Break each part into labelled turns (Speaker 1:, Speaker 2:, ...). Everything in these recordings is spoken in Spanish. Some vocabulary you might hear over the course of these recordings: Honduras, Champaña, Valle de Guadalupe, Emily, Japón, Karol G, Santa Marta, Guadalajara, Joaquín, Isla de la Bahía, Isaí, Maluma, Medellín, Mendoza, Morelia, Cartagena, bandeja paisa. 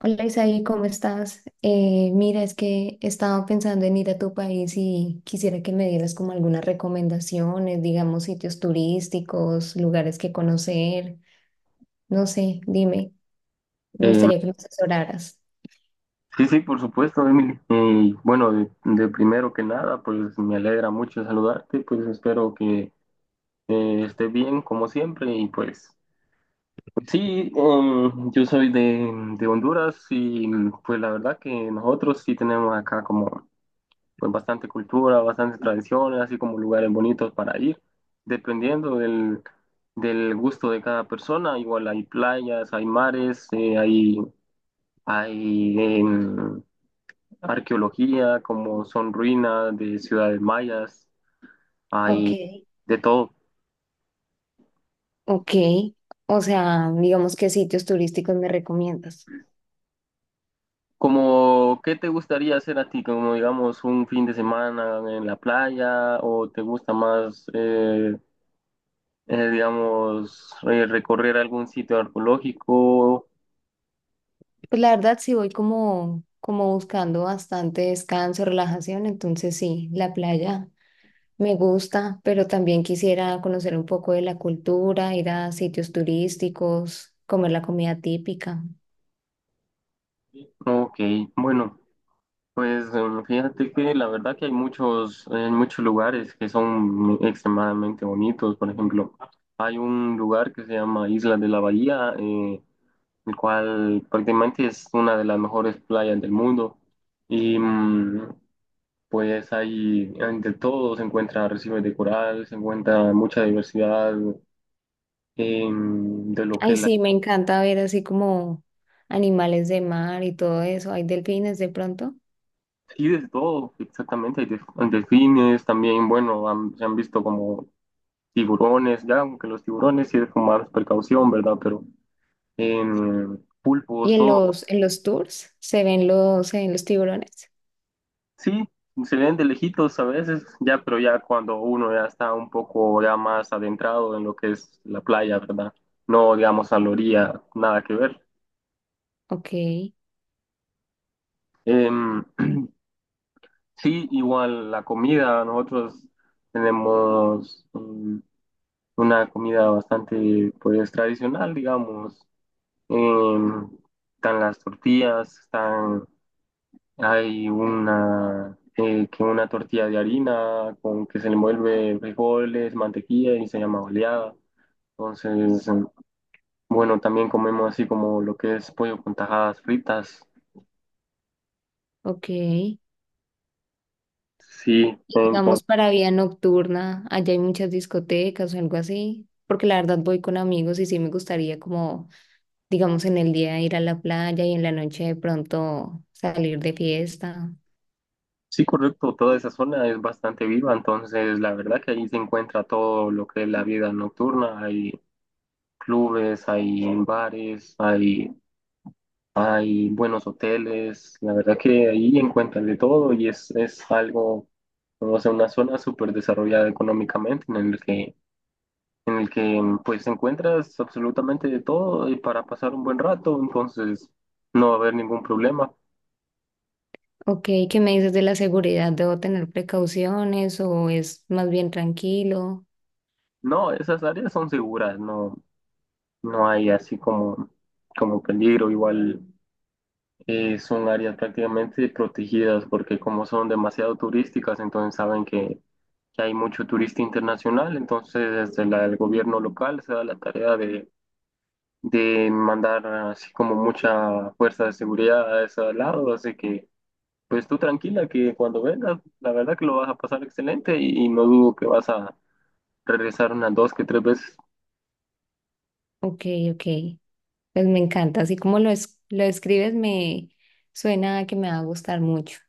Speaker 1: Hola Isaí, ¿cómo estás? Mira, es que estaba pensando en ir a tu país y quisiera que me dieras como algunas recomendaciones, digamos, sitios turísticos, lugares que conocer, no sé, dime, me
Speaker 2: Eh,
Speaker 1: gustaría que me asesoraras.
Speaker 2: sí, sí, por supuesto, Emily. Y bueno, de primero que nada, pues me alegra mucho saludarte, pues espero que esté bien como siempre y pues sí, yo soy de Honduras y pues la verdad que nosotros sí tenemos acá como pues bastante cultura, bastantes tradiciones, así como lugares bonitos para ir, dependiendo del, del gusto de cada persona, igual hay playas, hay mares, hay arqueología, como son ruinas de ciudades mayas,
Speaker 1: Ok,
Speaker 2: hay de todo.
Speaker 1: ok, o sea, digamos, ¿qué sitios turísticos me recomiendas?
Speaker 2: Como, qué te gustaría hacer a ti? Como, digamos, un fin de semana en la playa o te gusta más, digamos, ¿recorrer algún sitio arqueológico?
Speaker 1: Pues la verdad sí voy como buscando bastante descanso, relajación, entonces sí, la playa me gusta, pero también quisiera conocer un poco de la cultura, ir a sitios turísticos, comer la comida típica.
Speaker 2: Ok, bueno, pues fíjate que la verdad que hay muchos lugares que son extremadamente bonitos. Por ejemplo, hay un lugar que se llama Isla de la Bahía. El cual prácticamente es una de las mejores playas del mundo. Y pues ahí de todo, se encuentra arrecifes de coral, se encuentra mucha diversidad de lo que
Speaker 1: Ay,
Speaker 2: la...
Speaker 1: sí, me encanta ver así como animales de mar y todo eso. Hay delfines de pronto.
Speaker 2: Sí, de todo, exactamente, delfines también, bueno, se han visto como tiburones, ya aunque los tiburones sí es con más precaución, ¿verdad? Pero pulpos,
Speaker 1: Y en
Speaker 2: todo.
Speaker 1: los tours se ven los tiburones.
Speaker 2: Sí, se ven de lejitos a veces, ya, pero ya cuando uno ya está un poco ya más adentrado en lo que es la playa, ¿verdad? No, digamos, a la orilla, nada que ver.
Speaker 1: Ok,
Speaker 2: Em, sí, igual la comida, nosotros tenemos una comida bastante, pues, tradicional, digamos. Em, Están las tortillas, están. Hay una, que una tortilla de harina con que se le envuelve frijoles, mantequilla y se llama oleada. Entonces, bueno, también comemos así como lo que es pollo con tajadas fritas.
Speaker 1: ok. Y
Speaker 2: Sí, entonces,
Speaker 1: digamos para vida nocturna, allá hay muchas discotecas o algo así, porque la verdad voy con amigos y sí me gustaría como digamos, en el día ir a la playa y en la noche de pronto salir de fiesta.
Speaker 2: sí, correcto, toda esa zona es bastante viva, entonces la verdad que ahí se encuentra todo lo que es la vida nocturna. Hay clubes, hay bares, hay buenos hoteles, la verdad que ahí encuentras de todo y es algo, o sea, una zona súper desarrollada económicamente en el que pues encuentras absolutamente de todo y para pasar un buen rato, entonces no va a haber ningún problema.
Speaker 1: Ok, ¿qué me dices de la seguridad? ¿Debo tener precauciones o es más bien tranquilo?
Speaker 2: No, esas áreas son seguras, no, no hay así como, como peligro, igual son áreas prácticamente protegidas porque como son demasiado turísticas, entonces saben que hay mucho turista internacional, entonces desde el gobierno local se da la tarea de mandar así como mucha fuerza de seguridad a ese lado, así que pues tú tranquila que cuando vengas, la verdad que lo vas a pasar excelente y no dudo que vas a regresar unas dos que tres veces.
Speaker 1: Ok, ok, pues me encanta. Así como lo escribes, me suena a que me va a gustar mucho.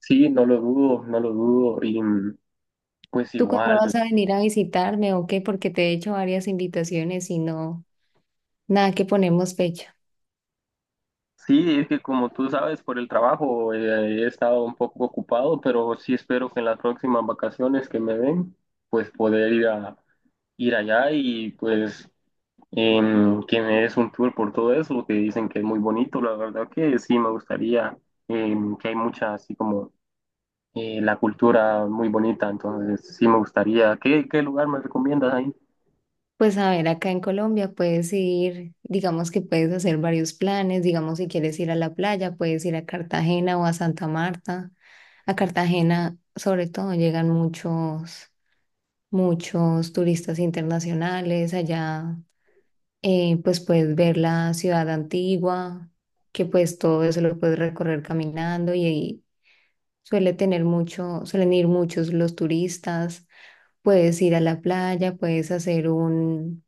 Speaker 2: Sí, no lo dudo, no lo dudo y pues
Speaker 1: ¿Tú cuándo
Speaker 2: igual.
Speaker 1: vas a venir a visitarme o qué? Porque te he hecho varias invitaciones y no, nada que ponemos fecha.
Speaker 2: Sí, es que como tú sabes, por el trabajo he estado un poco ocupado, pero sí espero que en las próximas vacaciones que me den, pues poder ir a, ir allá y pues que me des un tour por todo eso, que dicen que es muy bonito, la verdad que sí me gustaría, que hay mucha así como la cultura muy bonita, entonces sí me gustaría. ¿Qué, qué lugar me recomiendas ahí?
Speaker 1: Pues a ver, acá en Colombia puedes ir, digamos que puedes hacer varios planes, digamos si quieres ir a la playa, puedes ir a Cartagena o a Santa Marta. A Cartagena, sobre todo, llegan muchos turistas internacionales allá, pues puedes ver la ciudad antigua, que pues todo eso lo puedes recorrer caminando y, ahí suelen ir muchos los turistas. Puedes ir a la playa, puedes hacer un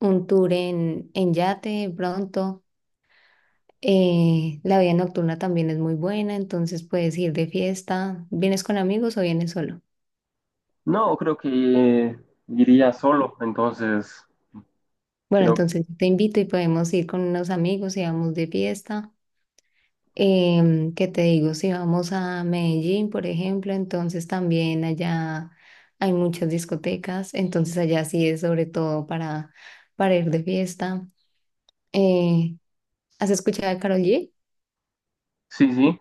Speaker 1: tour en yate pronto. La vida nocturna también es muy buena, entonces puedes ir de fiesta. ¿Vienes con amigos o vienes solo?
Speaker 2: No, creo que iría solo, entonces
Speaker 1: Bueno,
Speaker 2: creo que
Speaker 1: entonces te invito y podemos ir con unos amigos y vamos de fiesta. ¿Qué te digo? Si vamos a Medellín, por ejemplo, entonces también allá hay muchas discotecas, entonces allá sí es sobre todo para ir de fiesta. Eh, ¿Has escuchado a Karol G?
Speaker 2: sí, sí.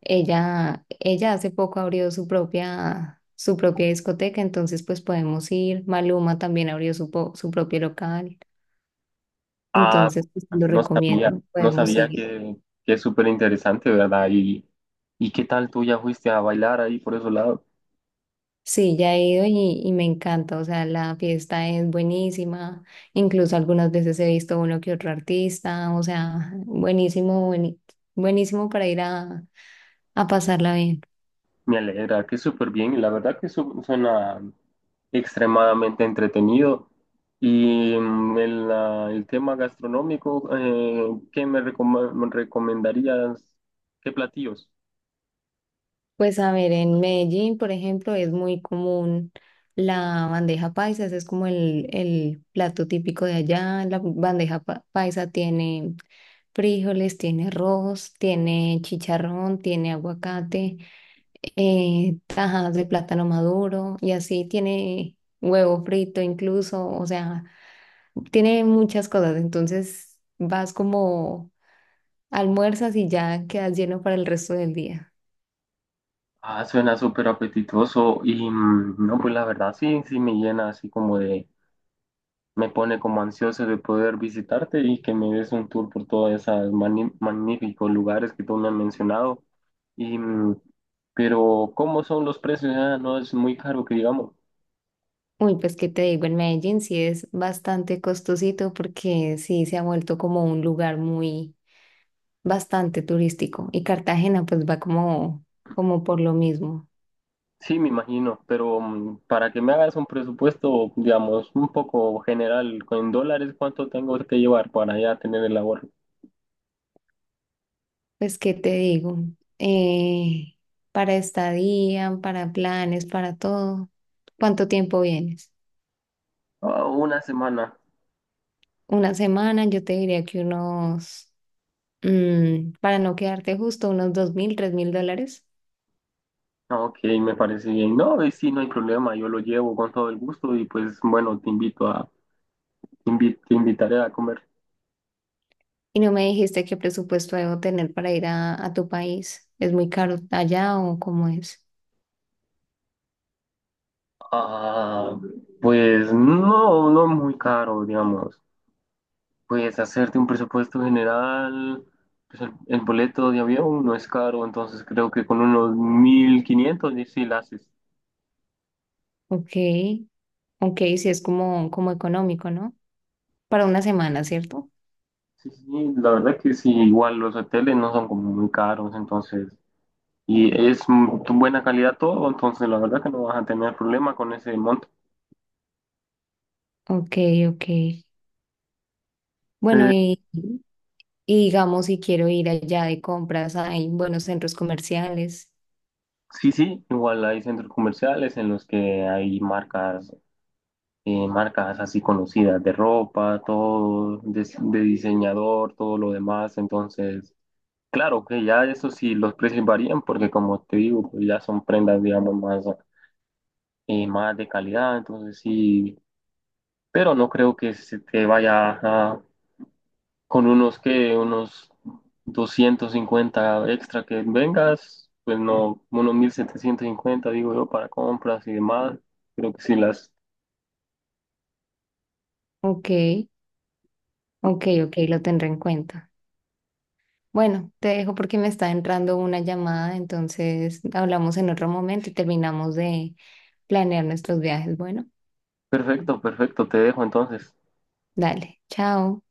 Speaker 1: Ella hace poco abrió su propia discoteca, entonces pues podemos ir. Maluma también abrió su, su propio local,
Speaker 2: Ah,
Speaker 1: entonces pues, lo
Speaker 2: no sabía,
Speaker 1: recomiendo,
Speaker 2: no
Speaker 1: podemos
Speaker 2: sabía
Speaker 1: ir.
Speaker 2: que es súper interesante, ¿verdad? ¿Y qué tal tú ya fuiste a bailar ahí por esos lados?
Speaker 1: Sí, ya he ido y me encanta, o sea, la fiesta es buenísima, incluso algunas veces he visto uno que otro artista, o sea, buenísimo, buenísimo para ir a pasarla bien.
Speaker 2: Me alegra, que súper bien. Y la verdad que suena extremadamente entretenido. Y el, ah, el tema gastronómico, ¿qué me, me recomendarías? ¿Qué platillos?
Speaker 1: Pues a ver, en Medellín, por ejemplo, es muy común la bandeja paisa, ese es como el plato típico de allá. La bandeja paisa tiene frijoles, tiene arroz, tiene chicharrón, tiene aguacate, tajas de plátano maduro y así tiene huevo frito incluso, o sea, tiene muchas cosas. Entonces vas como almuerzas y ya quedas lleno para el resto del día.
Speaker 2: Ah, suena súper apetitoso. Y no, pues la verdad sí, sí me llena así como de... me pone como ansioso de poder visitarte y que me des un tour por todos esos magníficos lugares que tú me has mencionado. Y, pero, ¿cómo son los precios? Ah, no es muy caro que digamos.
Speaker 1: Uy, pues qué te digo, en Medellín sí es bastante costosito porque sí se ha vuelto como un lugar muy bastante turístico y Cartagena pues va como, como por lo mismo.
Speaker 2: Sí, me imagino, pero para que me hagas un presupuesto, digamos, un poco general, en dólares, ¿cuánto tengo que llevar para ya tener el ahorro?
Speaker 1: Pues qué te digo, Eh, para estadía, para planes, para todo, ¿cuánto tiempo vienes?
Speaker 2: Ah, una semana.
Speaker 1: Una semana, yo te diría que unos, para no quedarte justo, unos $2.000, $3.000.
Speaker 2: Ah, ok, me parece bien. No, y sí, no hay problema, yo lo llevo con todo el gusto y pues bueno, te invito a, te invitaré a comer.
Speaker 1: Y no me dijiste qué presupuesto debo tener para ir a tu país. ¿Es muy caro allá o cómo es?
Speaker 2: Ah, pues no, no muy caro, digamos. Pues hacerte un presupuesto general, pues el boleto de avión no es caro, entonces creo que con unos 1500 y sí la haces.
Speaker 1: Ok, ok, sí es como, como económico, ¿no? Para una semana, ¿cierto?
Speaker 2: Sí, sí, sí, la verdad que sí, igual los hoteles no son como muy caros, entonces, y es buena calidad todo, entonces la verdad que no vas a tener problema con ese monto.
Speaker 1: Ok, ok. Bueno,
Speaker 2: Eh,
Speaker 1: y digamos si quiero ir allá de compras, hay buenos centros comerciales.
Speaker 2: sí, sí, igual hay centros comerciales en los que hay marcas marcas así conocidas de ropa, todo, de diseñador, todo lo demás. Entonces, claro que ya eso sí, los precios varían porque como te digo, pues ya son prendas, digamos, más, más de calidad. Entonces sí, pero no creo que se te vaya a, con unos que, unos 250 extra que vengas. Pues no, unos 1750 digo yo, para compras y demás. Creo que sí las...
Speaker 1: Ok, ok, ok, lo tendré en cuenta. Bueno, te dejo porque me está entrando una llamada, entonces hablamos en otro momento y terminamos de planear nuestros viajes. Bueno,
Speaker 2: Perfecto, perfecto, te dejo entonces.
Speaker 1: dale, chao.